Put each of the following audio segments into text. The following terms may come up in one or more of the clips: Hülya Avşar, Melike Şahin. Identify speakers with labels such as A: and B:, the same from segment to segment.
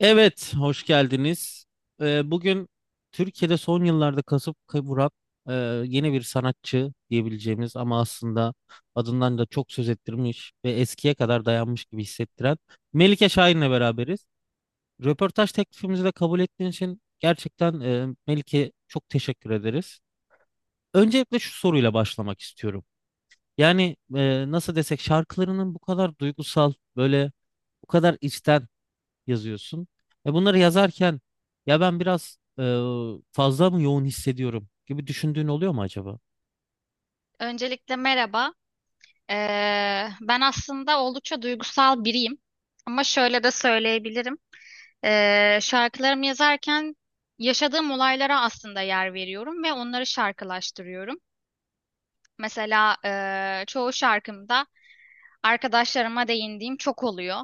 A: Evet, hoş geldiniz. Bugün Türkiye'de son yıllarda kasıp kavuran e, yeni bir sanatçı diyebileceğimiz ama aslında adından da çok söz ettirmiş ve eskiye kadar dayanmış gibi hissettiren Melike Şahin'le beraberiz. Röportaj teklifimizi de kabul ettiğin için gerçekten Melike, çok teşekkür ederiz. Öncelikle şu soruyla başlamak istiyorum. Yani nasıl desek, şarkılarının bu kadar duygusal, böyle bu kadar içten yazıyorsun. E bunları yazarken ya ben biraz fazla mı yoğun hissediyorum gibi düşündüğün oluyor mu acaba?
B: Öncelikle merhaba. Ben aslında oldukça duygusal biriyim. Ama şöyle de söyleyebilirim. Şarkılarımı yazarken yaşadığım olaylara aslında yer veriyorum ve onları şarkılaştırıyorum. Mesela çoğu şarkımda arkadaşlarıma değindiğim çok oluyor.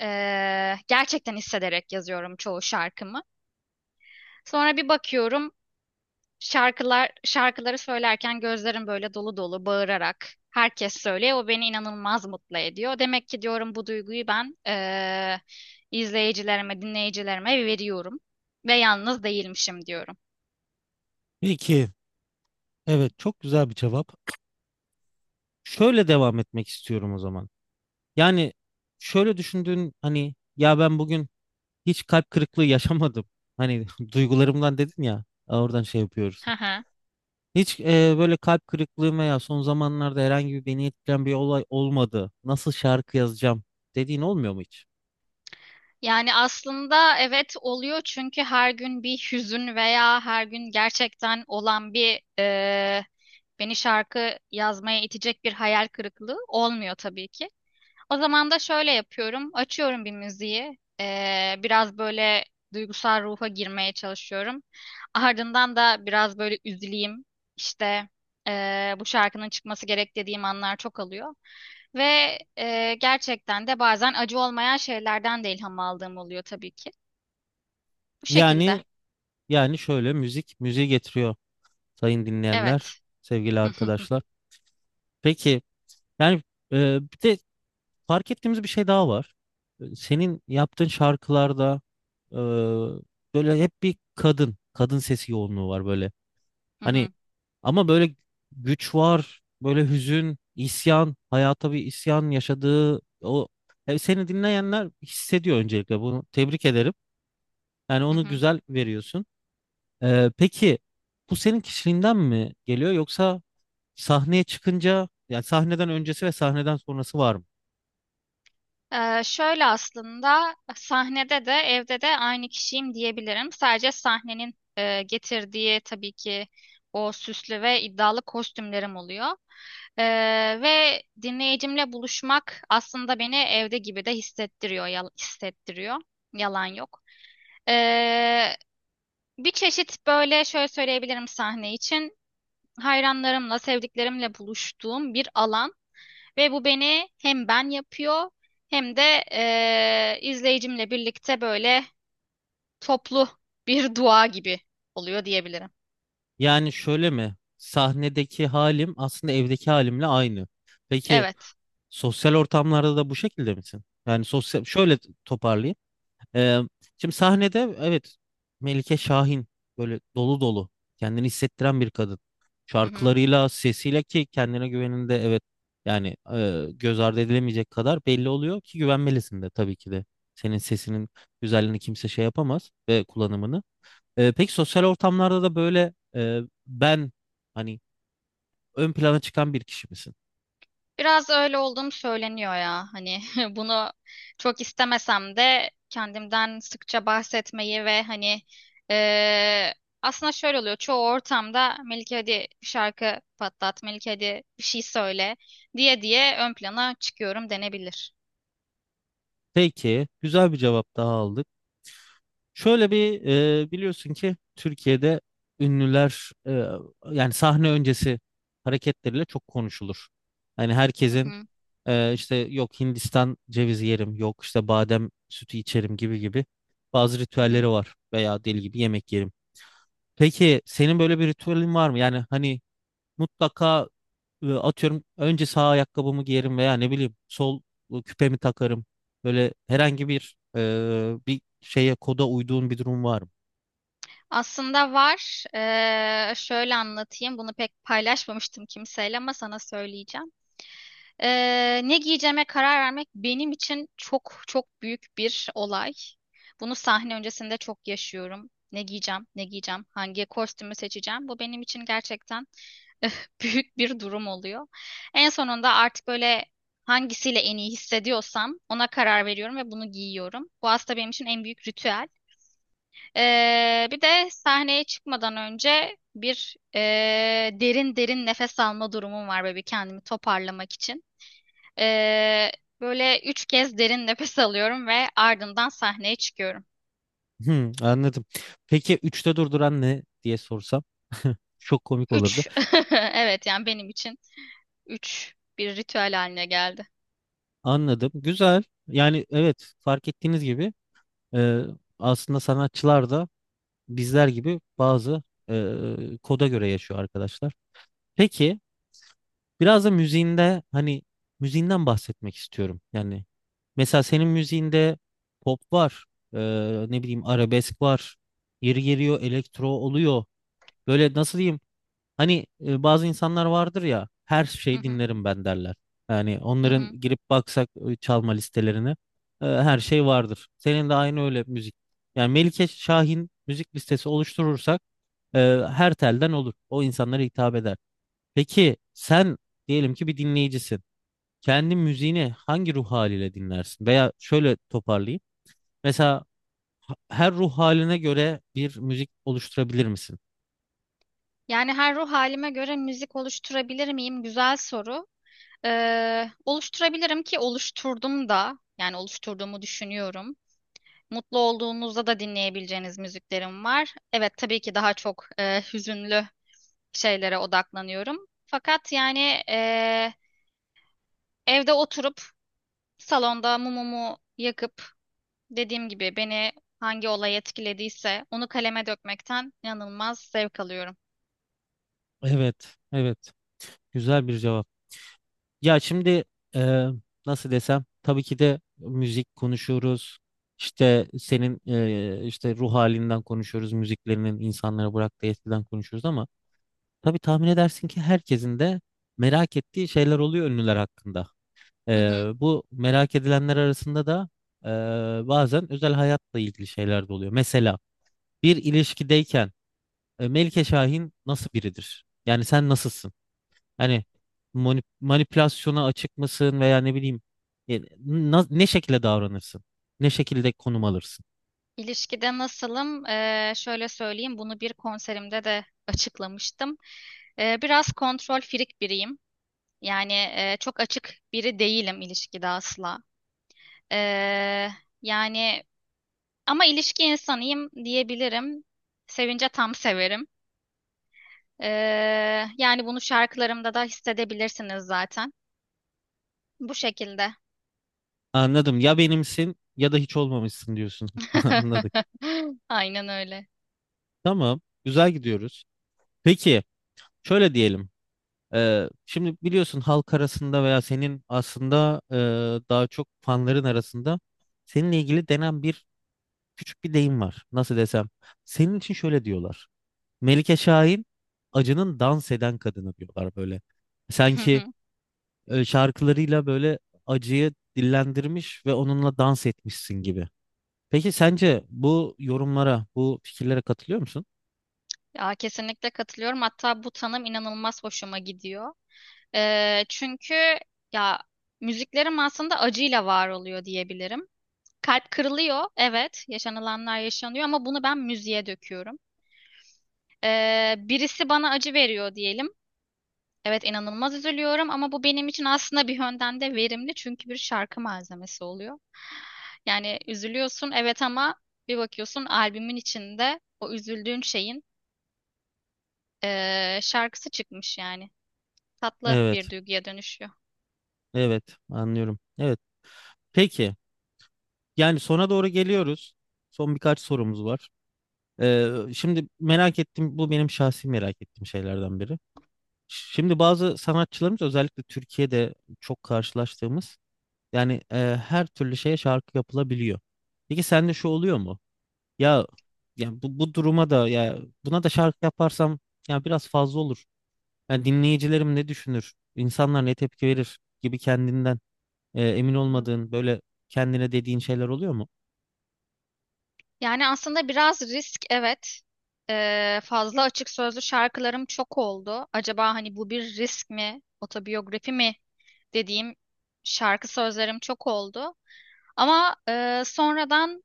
B: Gerçekten hissederek yazıyorum çoğu şarkımı. Sonra bir bakıyorum. Şarkıları söylerken gözlerim böyle dolu dolu bağırarak herkes söylüyor. O beni inanılmaz mutlu ediyor. Demek ki diyorum bu duyguyu ben izleyicilerime, dinleyicilerime veriyorum ve yalnız değilmişim diyorum.
A: Peki, evet, çok güzel bir cevap. Şöyle devam etmek istiyorum o zaman. Yani şöyle düşündüğün, hani ya ben bugün hiç kalp kırıklığı yaşamadım. Hani duygularımdan dedin ya, oradan şey yapıyoruz.
B: Hı hı.
A: Hiç böyle kalp kırıklığım veya son zamanlarda herhangi bir beni etkileyen bir olay olmadı. Nasıl şarkı yazacağım dediğin olmuyor mu hiç?
B: Yani aslında evet oluyor çünkü her gün bir hüzün veya her gün gerçekten olan bir beni şarkı yazmaya itecek bir hayal kırıklığı olmuyor tabii ki. O zaman da şöyle yapıyorum. Açıyorum bir müziği. Biraz böyle duygusal ruha girmeye çalışıyorum. Ardından da biraz böyle üzüleyim. İşte bu şarkının çıkması gerek dediğim anlar çok alıyor. Ve gerçekten de bazen acı olmayan şeylerden de ilham aldığım oluyor tabii ki. Bu şekilde.
A: Yani Yani şöyle, müzik müziği getiriyor sayın dinleyenler,
B: Evet.
A: sevgili arkadaşlar. Peki, yani bir de fark ettiğimiz bir şey daha var. Senin yaptığın şarkılarda e, böyle hep bir kadın, kadın sesi yoğunluğu var böyle. Hani, ama böyle güç var, böyle hüzün, isyan, hayata bir isyan yaşadığı o seni dinleyenler hissediyor. Öncelikle bunu tebrik ederim. Yani onu güzel veriyorsun. Peki, bu senin kişiliğinden mi geliyor yoksa sahneye çıkınca, yani sahneden öncesi ve sahneden sonrası var mı?
B: Şöyle aslında sahnede de evde de aynı kişiyim diyebilirim. Sadece sahnenin getirdiği tabii ki o süslü ve iddialı kostümlerim oluyor. Ee, Ve dinleyicimle buluşmak aslında beni evde gibi de hissettiriyor, hissettiriyor. Yalan yok. Ee, Bir çeşit böyle şöyle söyleyebilirim sahne için. Hayranlarımla, sevdiklerimle buluştuğum bir alan. Ve bu beni hem ben yapıyor hem de izleyicimle birlikte böyle toplu bir dua gibi oluyor diyebilirim.
A: Yani şöyle mi? Sahnedeki halim aslında evdeki halimle aynı. Peki
B: Evet.
A: sosyal ortamlarda da bu şekilde misin? Yani sosyal, şöyle toparlayayım. Ee, Şimdi sahnede, evet, Melike Şahin böyle dolu dolu kendini hissettiren bir kadın.
B: Hı hı.
A: Şarkılarıyla, sesiyle ki kendine güveninde evet, yani göz ardı edilemeyecek kadar belli oluyor ki güvenmelisin de tabii ki de. Senin sesinin güzelliğini kimse şey yapamaz, ve kullanımını. Peki sosyal ortamlarda da böyle ben, hani, ön plana çıkan bir kişi misin?
B: Biraz öyle olduğum söyleniyor ya. Hani bunu çok istemesem de kendimden sıkça bahsetmeyi ve hani eee, aslında şöyle oluyor. Çoğu ortamda Melike hadi bir şarkı patlat, Melike hadi bir şey söyle diye diye ön plana çıkıyorum denebilir.
A: Peki, güzel bir cevap daha aldık. Şöyle bir biliyorsun ki Türkiye'de ünlüler yani sahne öncesi hareketleriyle çok konuşulur. Hani
B: Hı
A: herkesin
B: hı.
A: işte yok Hindistan cevizi yerim, yok işte badem sütü içerim gibi gibi bazı
B: Hı hı.
A: ritüelleri var veya deli gibi yemek yerim. Peki senin böyle bir ritüelin var mı? Yani hani mutlaka atıyorum önce sağ ayakkabımı giyerim veya ne bileyim sol küpemi takarım. Böyle herhangi bir bir şeye koda uyduğun bir durum var mı?
B: Aslında var. Şöyle anlatayım. Bunu pek paylaşmamıştım kimseyle ama sana söyleyeceğim. Ne giyeceğime karar vermek benim için çok çok büyük bir olay. Bunu sahne öncesinde çok yaşıyorum. Ne giyeceğim, ne giyeceğim, hangi kostümü seçeceğim. Bu benim için gerçekten büyük bir durum oluyor. En sonunda artık böyle hangisiyle en iyi hissediyorsam ona karar veriyorum ve bunu giyiyorum. Bu aslında benim için en büyük ritüel. Bir de sahneye çıkmadan önce bir derin derin nefes alma durumum var böyle bir kendimi toparlamak için. Ee, Böyle üç kez derin nefes alıyorum ve ardından sahneye çıkıyorum.
A: Hmm, anladım. Peki üçte durduran ne diye sorsam çok komik olurdu.
B: Üç. Evet yani benim için üç bir ritüel haline geldi.
A: Anladım. Güzel. Yani evet, fark ettiğiniz gibi e, aslında sanatçılar da bizler gibi bazı koda göre yaşıyor arkadaşlar. Peki, biraz da müziğinde, hani müziğinden bahsetmek istiyorum. Yani mesela senin müziğinde pop var, e, ne bileyim arabesk var, yeri geliyor elektro oluyor. Böyle nasıl diyeyim? Hani bazı insanlar vardır ya, her
B: Hı
A: şeyi
B: hı,
A: dinlerim ben derler. Yani
B: hı
A: onların
B: hı.
A: girip baksak çalma listelerine her şey vardır. Senin de aynı öyle müzik. Yani Melike Şahin müzik listesi oluşturursak e, her telden olur. O insanlara hitap eder. Peki sen, diyelim ki bir dinleyicisin. Kendi müziğini hangi ruh haliyle dinlersin? Veya şöyle toparlayayım. Mesela her ruh haline göre bir müzik oluşturabilir misin?
B: Yani her ruh halime göre müzik oluşturabilir miyim? Güzel soru. Oluşturabilirim ki oluşturdum da yani oluşturduğumu düşünüyorum. Mutlu olduğunuzda da dinleyebileceğiniz müziklerim var. Evet tabii ki daha çok hüzünlü şeylere odaklanıyorum. Fakat yani e, evde oturup salonda mumumu yakıp dediğim gibi beni hangi olay etkilediyse onu kaleme dökmekten inanılmaz zevk alıyorum.
A: Evet, evet. Güzel bir cevap. Ya şimdi e, nasıl desem, tabii ki de müzik konuşuyoruz. İşte senin işte ruh halinden konuşuyoruz. Müziklerinin insanlara bıraktığı etkiden konuşuyoruz ama tabii tahmin edersin ki herkesin de merak ettiği şeyler oluyor ünlüler hakkında. E,
B: Hı hı.
A: Bu merak edilenler arasında da bazen özel hayatla ilgili şeyler de oluyor. Mesela bir ilişkideyken Melike Şahin nasıl biridir? Yani sen nasılsın? Hani manipülasyona açık mısın veya ne bileyim ne şekilde davranırsın? Ne şekilde konum alırsın?
B: İlişkide nasılım? Şöyle söyleyeyim bunu bir konserimde de açıklamıştım. Biraz kontrol firik biriyim. Yani çok açık biri değilim ilişkide asla. Ee, Yani ama ilişki insanıyım diyebilirim. Sevince tam severim. Yani bunu şarkılarımda da hissedebilirsiniz zaten. Bu şekilde.
A: Anladım. Ya benimsin ya da hiç olmamışsın diyorsun. Anladık.
B: Aynen öyle.
A: Tamam. Güzel gidiyoruz. Peki, şöyle diyelim. Şimdi biliyorsun, halk arasında veya senin aslında daha çok fanların arasında seninle ilgili denen bir, küçük bir deyim var. Nasıl desem? Senin için şöyle diyorlar. Melike Şahin acının dans eden kadını diyorlar böyle. Sanki şarkılarıyla böyle acıyı dillendirmiş ve onunla dans etmişsin gibi. Peki sence bu yorumlara, bu fikirlere katılıyor musun?
B: Ya, kesinlikle katılıyorum. Hatta bu tanım inanılmaz hoşuma gidiyor. Çünkü ya müziklerim aslında acıyla var oluyor diyebilirim. Kalp kırılıyor, evet, yaşanılanlar yaşanıyor ama bunu ben müziğe döküyorum. Birisi bana acı veriyor diyelim. Evet inanılmaz üzülüyorum ama bu benim için aslında bir yönden de verimli çünkü bir şarkı malzemesi oluyor. Yani üzülüyorsun evet ama bir bakıyorsun albümün içinde o üzüldüğün şeyin şarkısı çıkmış yani. Tatlı
A: Evet,
B: bir duyguya dönüşüyor.
A: evet, anlıyorum. Evet. Peki, yani sona doğru geliyoruz. Son birkaç sorumuz var. Şimdi merak ettim, bu benim şahsi merak ettiğim şeylerden biri. Şimdi bazı sanatçılarımız, özellikle Türkiye'de çok karşılaştığımız, yani her türlü şeye şarkı yapılabiliyor. Peki sende şu oluyor mu? Ya ya bu, bu duruma da, ya buna da şarkı yaparsam ya biraz fazla olur. Yani dinleyicilerim ne düşünür? İnsanlar ne tepki verir gibi kendinden emin
B: Hı.
A: olmadığın, böyle kendine dediğin şeyler oluyor mu?
B: Yani aslında biraz risk evet. Fazla açık sözlü şarkılarım çok oldu. Acaba hani bu bir risk mi, otobiyografi mi dediğim şarkı sözlerim çok oldu. Ama sonradan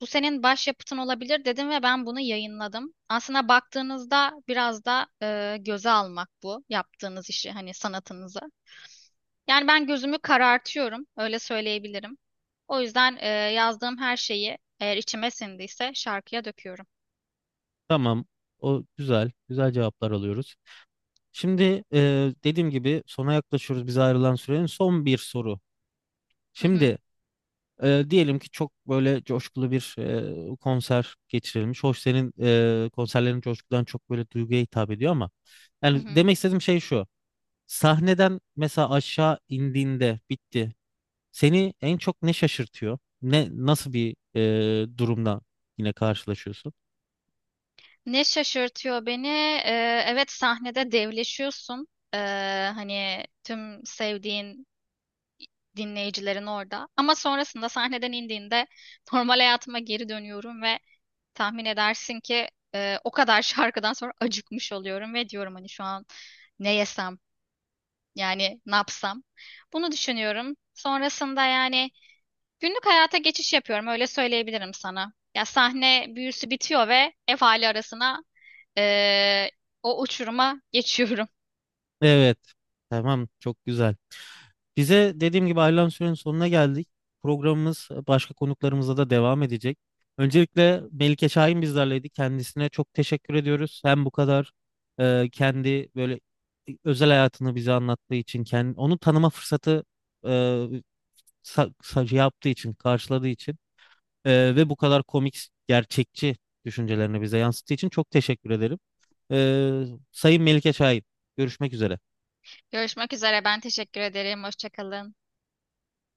B: bu senin başyapıtın olabilir dedim ve ben bunu yayınladım. Aslında baktığınızda biraz da göze almak bu yaptığınız işi hani sanatınızı. Yani ben gözümü karartıyorum öyle söyleyebilirim. O yüzden yazdığım her şeyi eğer içime sindiyse şarkıya döküyorum.
A: Tamam. O güzel. Güzel cevaplar alıyoruz. Şimdi dediğim gibi sona yaklaşıyoruz. Biz ayrılan sürenin son bir soru.
B: Hı hı,
A: Şimdi diyelim ki çok böyle coşkulu bir konser geçirilmiş. Hoş, senin konserlerin coşkudan çok böyle duyguya hitap ediyor, ama
B: hı
A: yani
B: hı.
A: demek istediğim şey şu. Sahneden mesela aşağı indiğinde, bitti. Seni en çok ne şaşırtıyor? Ne, nasıl bir durumla yine karşılaşıyorsun?
B: Ne şaşırtıyor beni? Evet sahnede devleşiyorsun. Ee, Hani tüm sevdiğin dinleyicilerin orada. Ama sonrasında sahneden indiğinde normal hayatıma geri dönüyorum ve tahmin edersin ki o kadar şarkıdan sonra acıkmış oluyorum ve diyorum hani şu an ne yesem yani ne yapsam. Bunu düşünüyorum. Sonrasında yani günlük hayata geçiş yapıyorum öyle söyleyebilirim sana. Ya sahne büyüsü bitiyor ve ev hali arasına eee, o uçuruma geçiyorum.
A: Evet. Tamam, çok güzel. Bize dediğim gibi ayrılan sürenin sonuna geldik. Programımız başka konuklarımızla da devam edecek. Öncelikle Melike Şahin bizlerleydi. Kendisine çok teşekkür ediyoruz. Hem bu kadar kendi böyle özel hayatını bize anlattığı için, kendi, onu tanıma fırsatı e, şey yaptığı için, karşıladığı için, ve bu kadar komik, gerçekçi düşüncelerini bize yansıttığı için çok teşekkür ederim. E, Sayın Melike Şahin, görüşmek üzere.
B: Görüşmek üzere ben teşekkür ederim. Hoşça kalın.